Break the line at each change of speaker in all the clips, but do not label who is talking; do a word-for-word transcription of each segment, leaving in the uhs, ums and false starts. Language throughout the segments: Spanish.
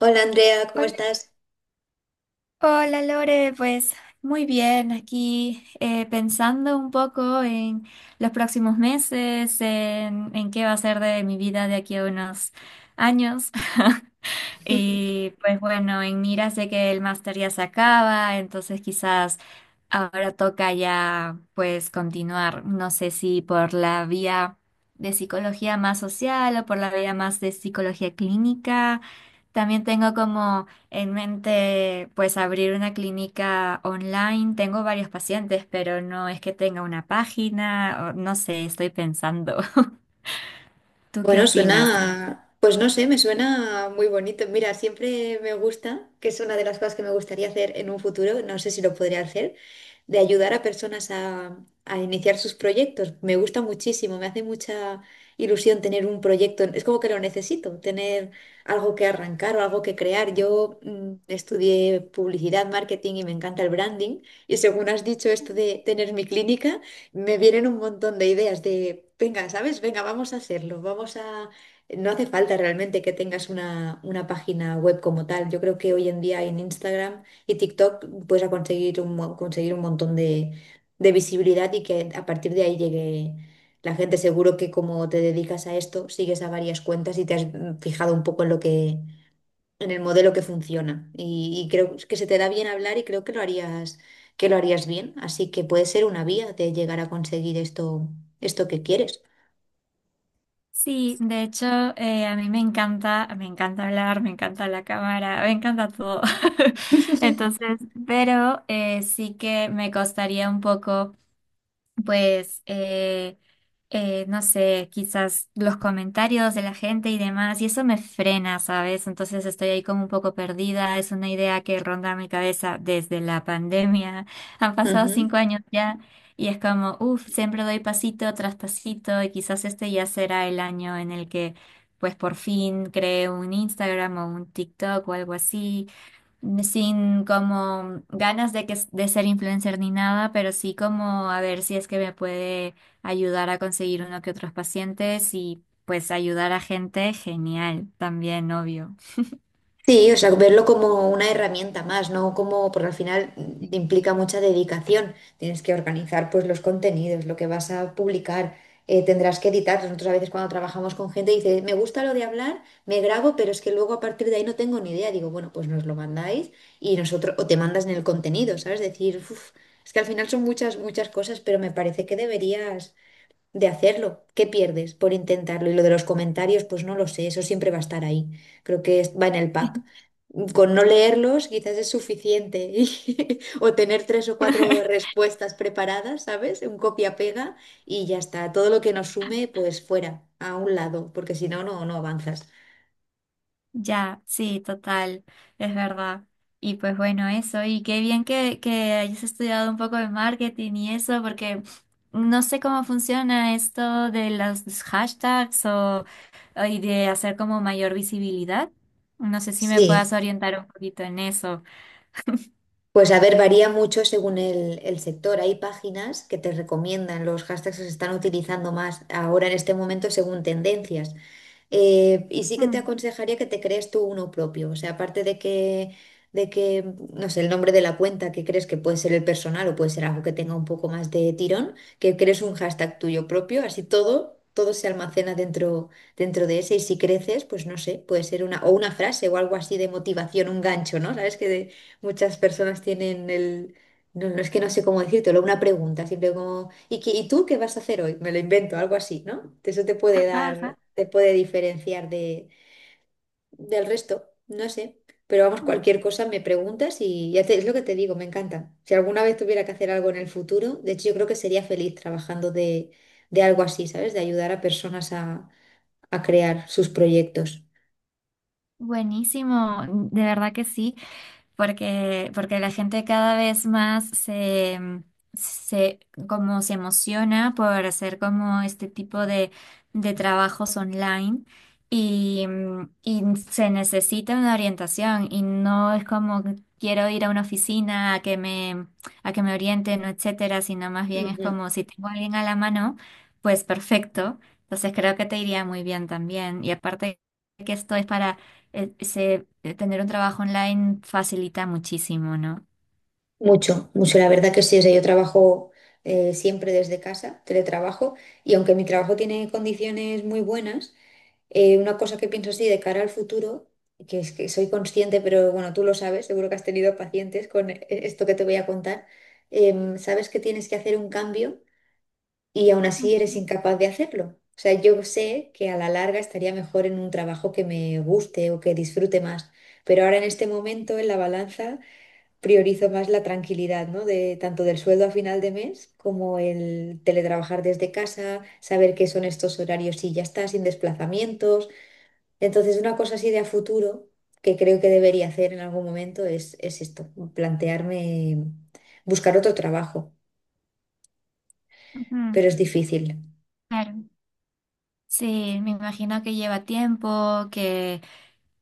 Hola Andrea, ¿cómo
Hola,
estás?
hola, Lore, pues muy bien, aquí eh, pensando un poco en los próximos meses, en, en qué va a ser de mi vida de aquí a unos años. Y pues bueno, en Mira sé que el máster ya se acaba, entonces quizás ahora toca ya pues continuar, no sé si por la vía de psicología más social o por la vía más de psicología clínica. También tengo como en mente pues abrir una clínica online. Tengo varios pacientes, pero no es que tenga una página, o no sé, estoy pensando. ¿Tú qué
Bueno,
opinas?
suena, pues no sé, me suena muy bonito. Mira, siempre me gusta, que es una de las cosas que me gustaría hacer en un futuro, no sé si lo podría hacer, de ayudar a personas a, a iniciar sus proyectos. Me gusta muchísimo, me hace mucha ilusión tener un proyecto. Es como que lo necesito, tener algo que arrancar o algo que crear. Yo mm, estudié publicidad, marketing y me encanta el branding. Y según has dicho esto de tener mi clínica, me vienen un montón de ideas de, venga, ¿sabes? Venga, vamos a hacerlo, vamos a... No hace falta realmente que tengas una, una página web como tal. Yo creo que hoy en día en Instagram y TikTok puedes conseguir un, mo- conseguir un montón de, de visibilidad y que a partir de ahí llegue la gente. Seguro que como te dedicas a esto, sigues a varias cuentas y te has mm, fijado un poco en lo que, en el modelo que funciona. Y, y creo que se te da bien hablar y creo que lo harías, que lo harías bien. Así que puede ser una vía de llegar a conseguir esto, esto que quieres.
Sí, de hecho, eh, a mí me encanta, me encanta hablar, me encanta la cámara, me encanta todo. Entonces, pero eh, sí que me costaría un poco pues, eh, eh, no sé, quizás los comentarios de la gente y demás, y eso me frena, ¿sabes? Entonces estoy ahí como un poco perdida, es una idea que ronda mi cabeza desde la pandemia, han pasado
Ujú.
cinco años ya, y es como, uff, siempre doy pasito tras pasito, y quizás este ya será el año en el que, pues, por fin cree un Instagram o un TikTok o algo así sin como ganas de que de ser influencer ni nada, pero sí como a ver si es que me puede ayudar a conseguir uno que otros pacientes y pues ayudar a gente, genial, también obvio.
Sí, o sea, verlo como una herramienta más, ¿no? Como, porque al final mm, implica mucha dedicación. Tienes que organizar pues los contenidos, lo que vas a publicar, eh, tendrás que editar. Nosotros a veces cuando trabajamos con gente dice, me gusta lo de hablar, me grabo, pero es que luego a partir de ahí no tengo ni idea. Digo, bueno, pues nos lo mandáis y nosotros, o te mandas en el contenido, ¿sabes? Decir, "Uf, es que al final son muchas, muchas cosas, pero me parece que deberías de hacerlo. ¿Qué pierdes por intentarlo? Y lo de los comentarios, pues no lo sé, eso siempre va a estar ahí. Creo que es- va en el pack. Con no leerlos quizás es suficiente y- o tener tres o cuatro respuestas preparadas, ¿sabes? Un copia-pega y ya está. Todo lo que nos sume, pues fuera, a un lado, porque si no, no, no avanzas.
Ya, sí, total, es verdad. Y pues bueno, eso, y qué bien que, que hayas estudiado un poco de marketing y eso, porque no sé cómo funciona esto de los hashtags o, o y de hacer como mayor visibilidad. No sé si me puedas
Sí,
orientar un poquito en eso.
pues a ver, varía mucho según el, el sector. Hay páginas que te recomiendan los hashtags que se están utilizando más ahora en este momento según tendencias. Eh, y sí que te
Mm.
aconsejaría que te crees tú uno propio. O sea, aparte de que, de que, no sé, el nombre de la cuenta que crees que puede ser el personal o puede ser algo que tenga un poco más de tirón, que crees un hashtag tuyo propio, así todo, todo se almacena dentro, dentro de ese. Y si creces, pues no sé, puede ser una, o una frase o algo así de motivación, un gancho, ¿no? Sabes que de- muchas personas tienen el, no, no es que no sé cómo decírtelo, una pregunta, siempre como, ¿y, qué- y tú qué vas a hacer hoy? Me lo invento, algo así, ¿no? Eso te puede
Ajá,
dar,
ajá.
te puede diferenciar de, del resto, no sé. Pero vamos,
Mm.
cualquier cosa me preguntas y ya te, es lo que te digo, me encanta. Si alguna vez tuviera que hacer algo en el futuro, de hecho yo creo que sería feliz trabajando de, de algo así, ¿sabes? De ayudar a personas a, a crear sus proyectos.
Buenísimo, de verdad que sí. Porque, porque la gente cada vez más se, se, como se emociona por hacer como este tipo de, de trabajos online y, mm, y se necesita una orientación y no es como que quiero ir a una oficina a que me, a que me orienten, o etcétera, sino más bien es como si tengo a alguien a la mano, pues perfecto. Entonces creo que te iría muy bien también. Y aparte que esto es para eh, se- eh, tener un trabajo online facilita muchísimo, ¿no?
Mucho, mucho, la verdad que sí. O sea, yo trabajo eh, siempre desde casa, teletrabajo, y aunque mi trabajo tiene condiciones muy buenas, eh, una cosa que pienso así de cara al futuro, que es que soy consciente, pero bueno, tú lo sabes, seguro que has tenido pacientes con e- esto que te voy a contar, em, sabes que tienes que hacer un cambio y aún así eres incapaz de hacerlo. O sea, yo sé que a la larga estaría mejor en un trabajo que me guste o que disfrute más, pero ahora en este momento en la balanza priorizo más la tranquilidad, ¿no? De, tanto del sueldo a final de mes como el teletrabajar desde casa, saber qué son estos horarios y ya está, sin desplazamientos. Entonces, una cosa así de a futuro que creo que debería hacer en algún momento es, es esto, plantearme buscar otro trabajo,
Ujú.
pero es difícil.
Claro. Sí, me imagino que lleva tiempo, que,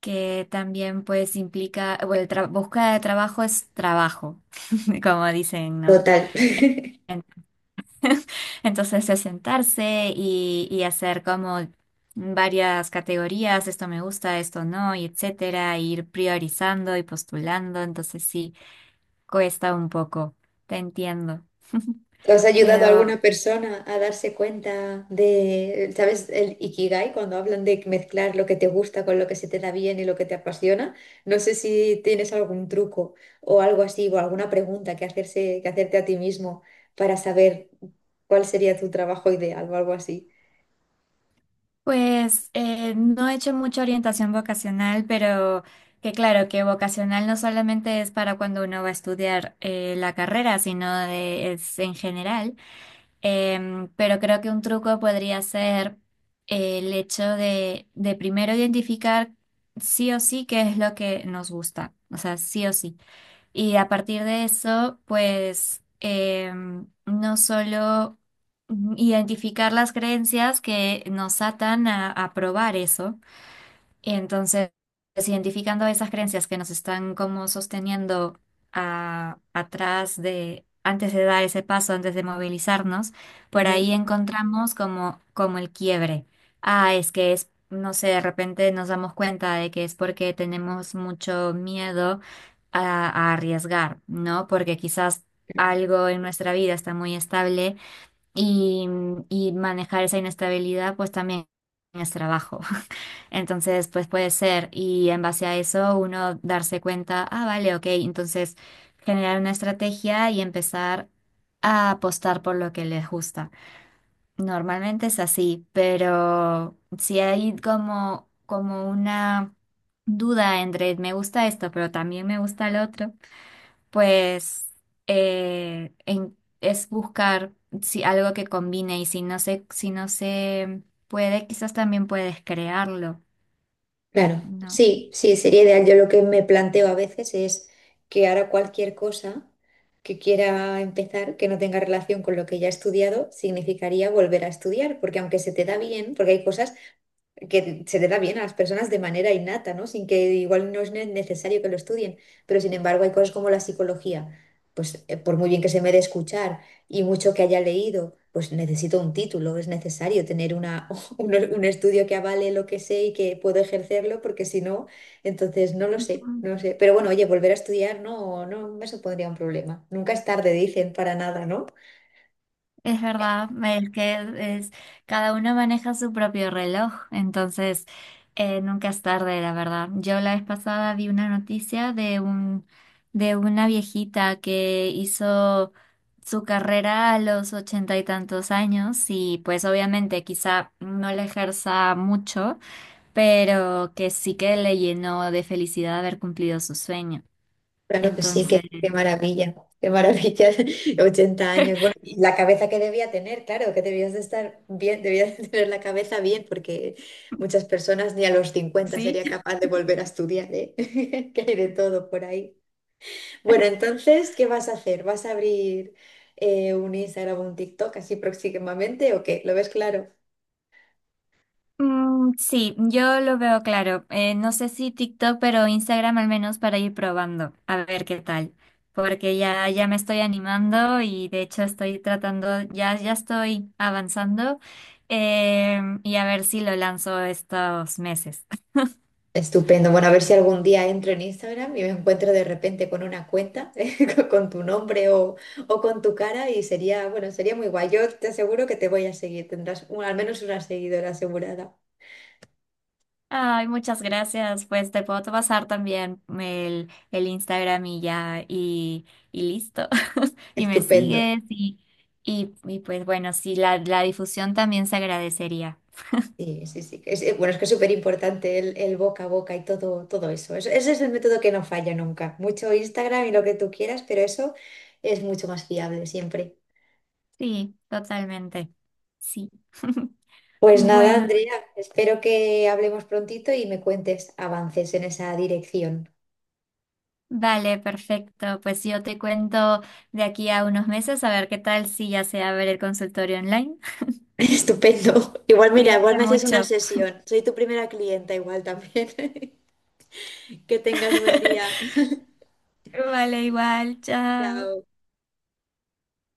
que también pues implica, bueno, el tra- búsqueda de trabajo es trabajo, como dicen, ¿no?
Total.
Entonces es sentarse y, y hacer como varias categorías, esto me gusta, esto no, y etcétera, e ir priorizando y postulando, entonces sí, cuesta un poco, te entiendo.
¿Tú has ayudado a
Pero
alguna persona a darse cuenta de, ¿sabes? El Ikigai, cuando hablan de mezclar lo que te gusta con lo que se te da bien y lo que te apasiona. No sé si tienes algún truco o algo así, o alguna pregunta que hacerse, que hacerte a ti mismo para saber cuál sería tu trabajo ideal o algo así.
pues eh, no he hecho mucha orientación vocacional, pero que claro, que vocacional no solamente es para cuando uno va a estudiar eh, la carrera, sino de- es en general. Em, pero creo que un truco podría ser eh, el hecho de, de primero identificar sí o sí qué es lo que nos gusta, o sea, sí o sí. Y a partir de eso, pues em, no solo identificar las creencias que nos atan a, a probar eso, entonces, identificando esas creencias que nos están como sosteniendo a- atrás de, antes de dar ese paso, antes de movilizarnos, por ahí encontramos como, como el quiebre. Ah, es que es, no sé, de repente nos damos cuenta de que es porque tenemos mucho miedo a, a arriesgar, ¿no? Porque quizás algo en nuestra vida está muy estable y, y manejar esa inestabilidad pues también es trabajo. Entonces, pues puede ser, y en base a eso uno darse cuenta, ah, vale, ok, entonces generar una estrategia y empezar a apostar por lo que les gusta. Normalmente es así, pero si hay como, como una duda entre me gusta esto, pero también me gusta el otro, pues eh, en- es buscar si, algo que combine y si no se, si no se puede, quizás también puedes crearlo.
Claro,
¿No?
sí, sí, sería ideal. Yo lo que me planteo a veces es que ahora cualquier cosa que quiera empezar que no tenga relación con lo que ya he estudiado, significaría volver a estudiar, porque aunque se te da bien, porque hay cosas que se le da bien a las personas de manera innata, ¿no? Sin que igual no es ne- necesario que lo estudien, pero sin embargo hay cosas como la psicología, pues eh, por muy bien que se me dé escuchar y mucho que haya leído, pues necesito un título, es necesario tener una, un, un estudio que avale lo que sé y que puedo ejercerlo, porque si no, entonces no lo sé,
Ujú.
no lo sé. Pero bueno, oye, volver a estudiar no, no me supondría un problema. Nunca es tarde, dicen, para nada, ¿no?
Es verdad, es que es, cada uno maneja su propio reloj, entonces eh, nunca es tarde, la verdad. Yo la vez pasada vi una noticia de un, de una viejita que hizo su carrera a los ochenta y tantos años y pues obviamente quizá no la ejerza mucho, pero que sí que le llenó de felicidad haber cumplido su sueño.
Claro que sí, qué,
Entonces,
qué maravilla, qué maravilla, ochenta años. Bueno, y la cabeza que debía tener, claro, que debías de estar bien, debías de tener la cabeza bien, porque muchas personas ni a los cincuenta
sí.
sería capaz de volver a estudiar, ¿eh? Que hay de todo por ahí. Bueno, entonces, ¿qué vas a hacer? ¿Vas a abrir eh, un Instagram o un TikTok así próximamente o qué? ¿Lo ves claro?
Mm, sí, yo lo veo claro. Eh, no sé si TikTok, pero Instagram al menos para ir probando, a ver qué tal. Porque ya, ya me estoy animando y de hecho estoy tratando, ya, ya estoy avanzando. Eh, y a ver si lo lanzo estos meses.
Estupendo. Bueno, a ver si algún día entro en Instagram y me encuentro de repente con una cuenta con con tu nombre o, o con tu cara y sería, bueno, sería muy guay. Yo te aseguro que te voy a seguir. Tendrás un- al menos una seguidora asegurada.
Ay, muchas gracias. Pues te puedo pasar también el, el Instagram y ya, y, y listo. Y me
Estupendo.
sigues y, y, y pues bueno, sí, la, la difusión también se agradecería.
Sí, sí, sí. Es- eh, bueno, es que es súper importante el, el boca a boca y todo, todo eso. Es- Ese es el método que no falla nunca. Mucho Instagram y lo que tú quieras, pero eso es mucho más fiable siempre.
Sí, totalmente. Sí.
Pues nada,
Bueno,
Andrea, espero que hablemos prontito y me cuentes avances en esa dirección.
vale, perfecto. Pues yo te cuento de aquí a unos meses a ver qué tal si ya se abre el consultorio online.
Estupendo. Igual, mira, igual
Cuídate
me haces una
mucho.
sesión. Soy tu primera clienta igual también. Que tengas buen día.
Vale, igual, chao.
Chao.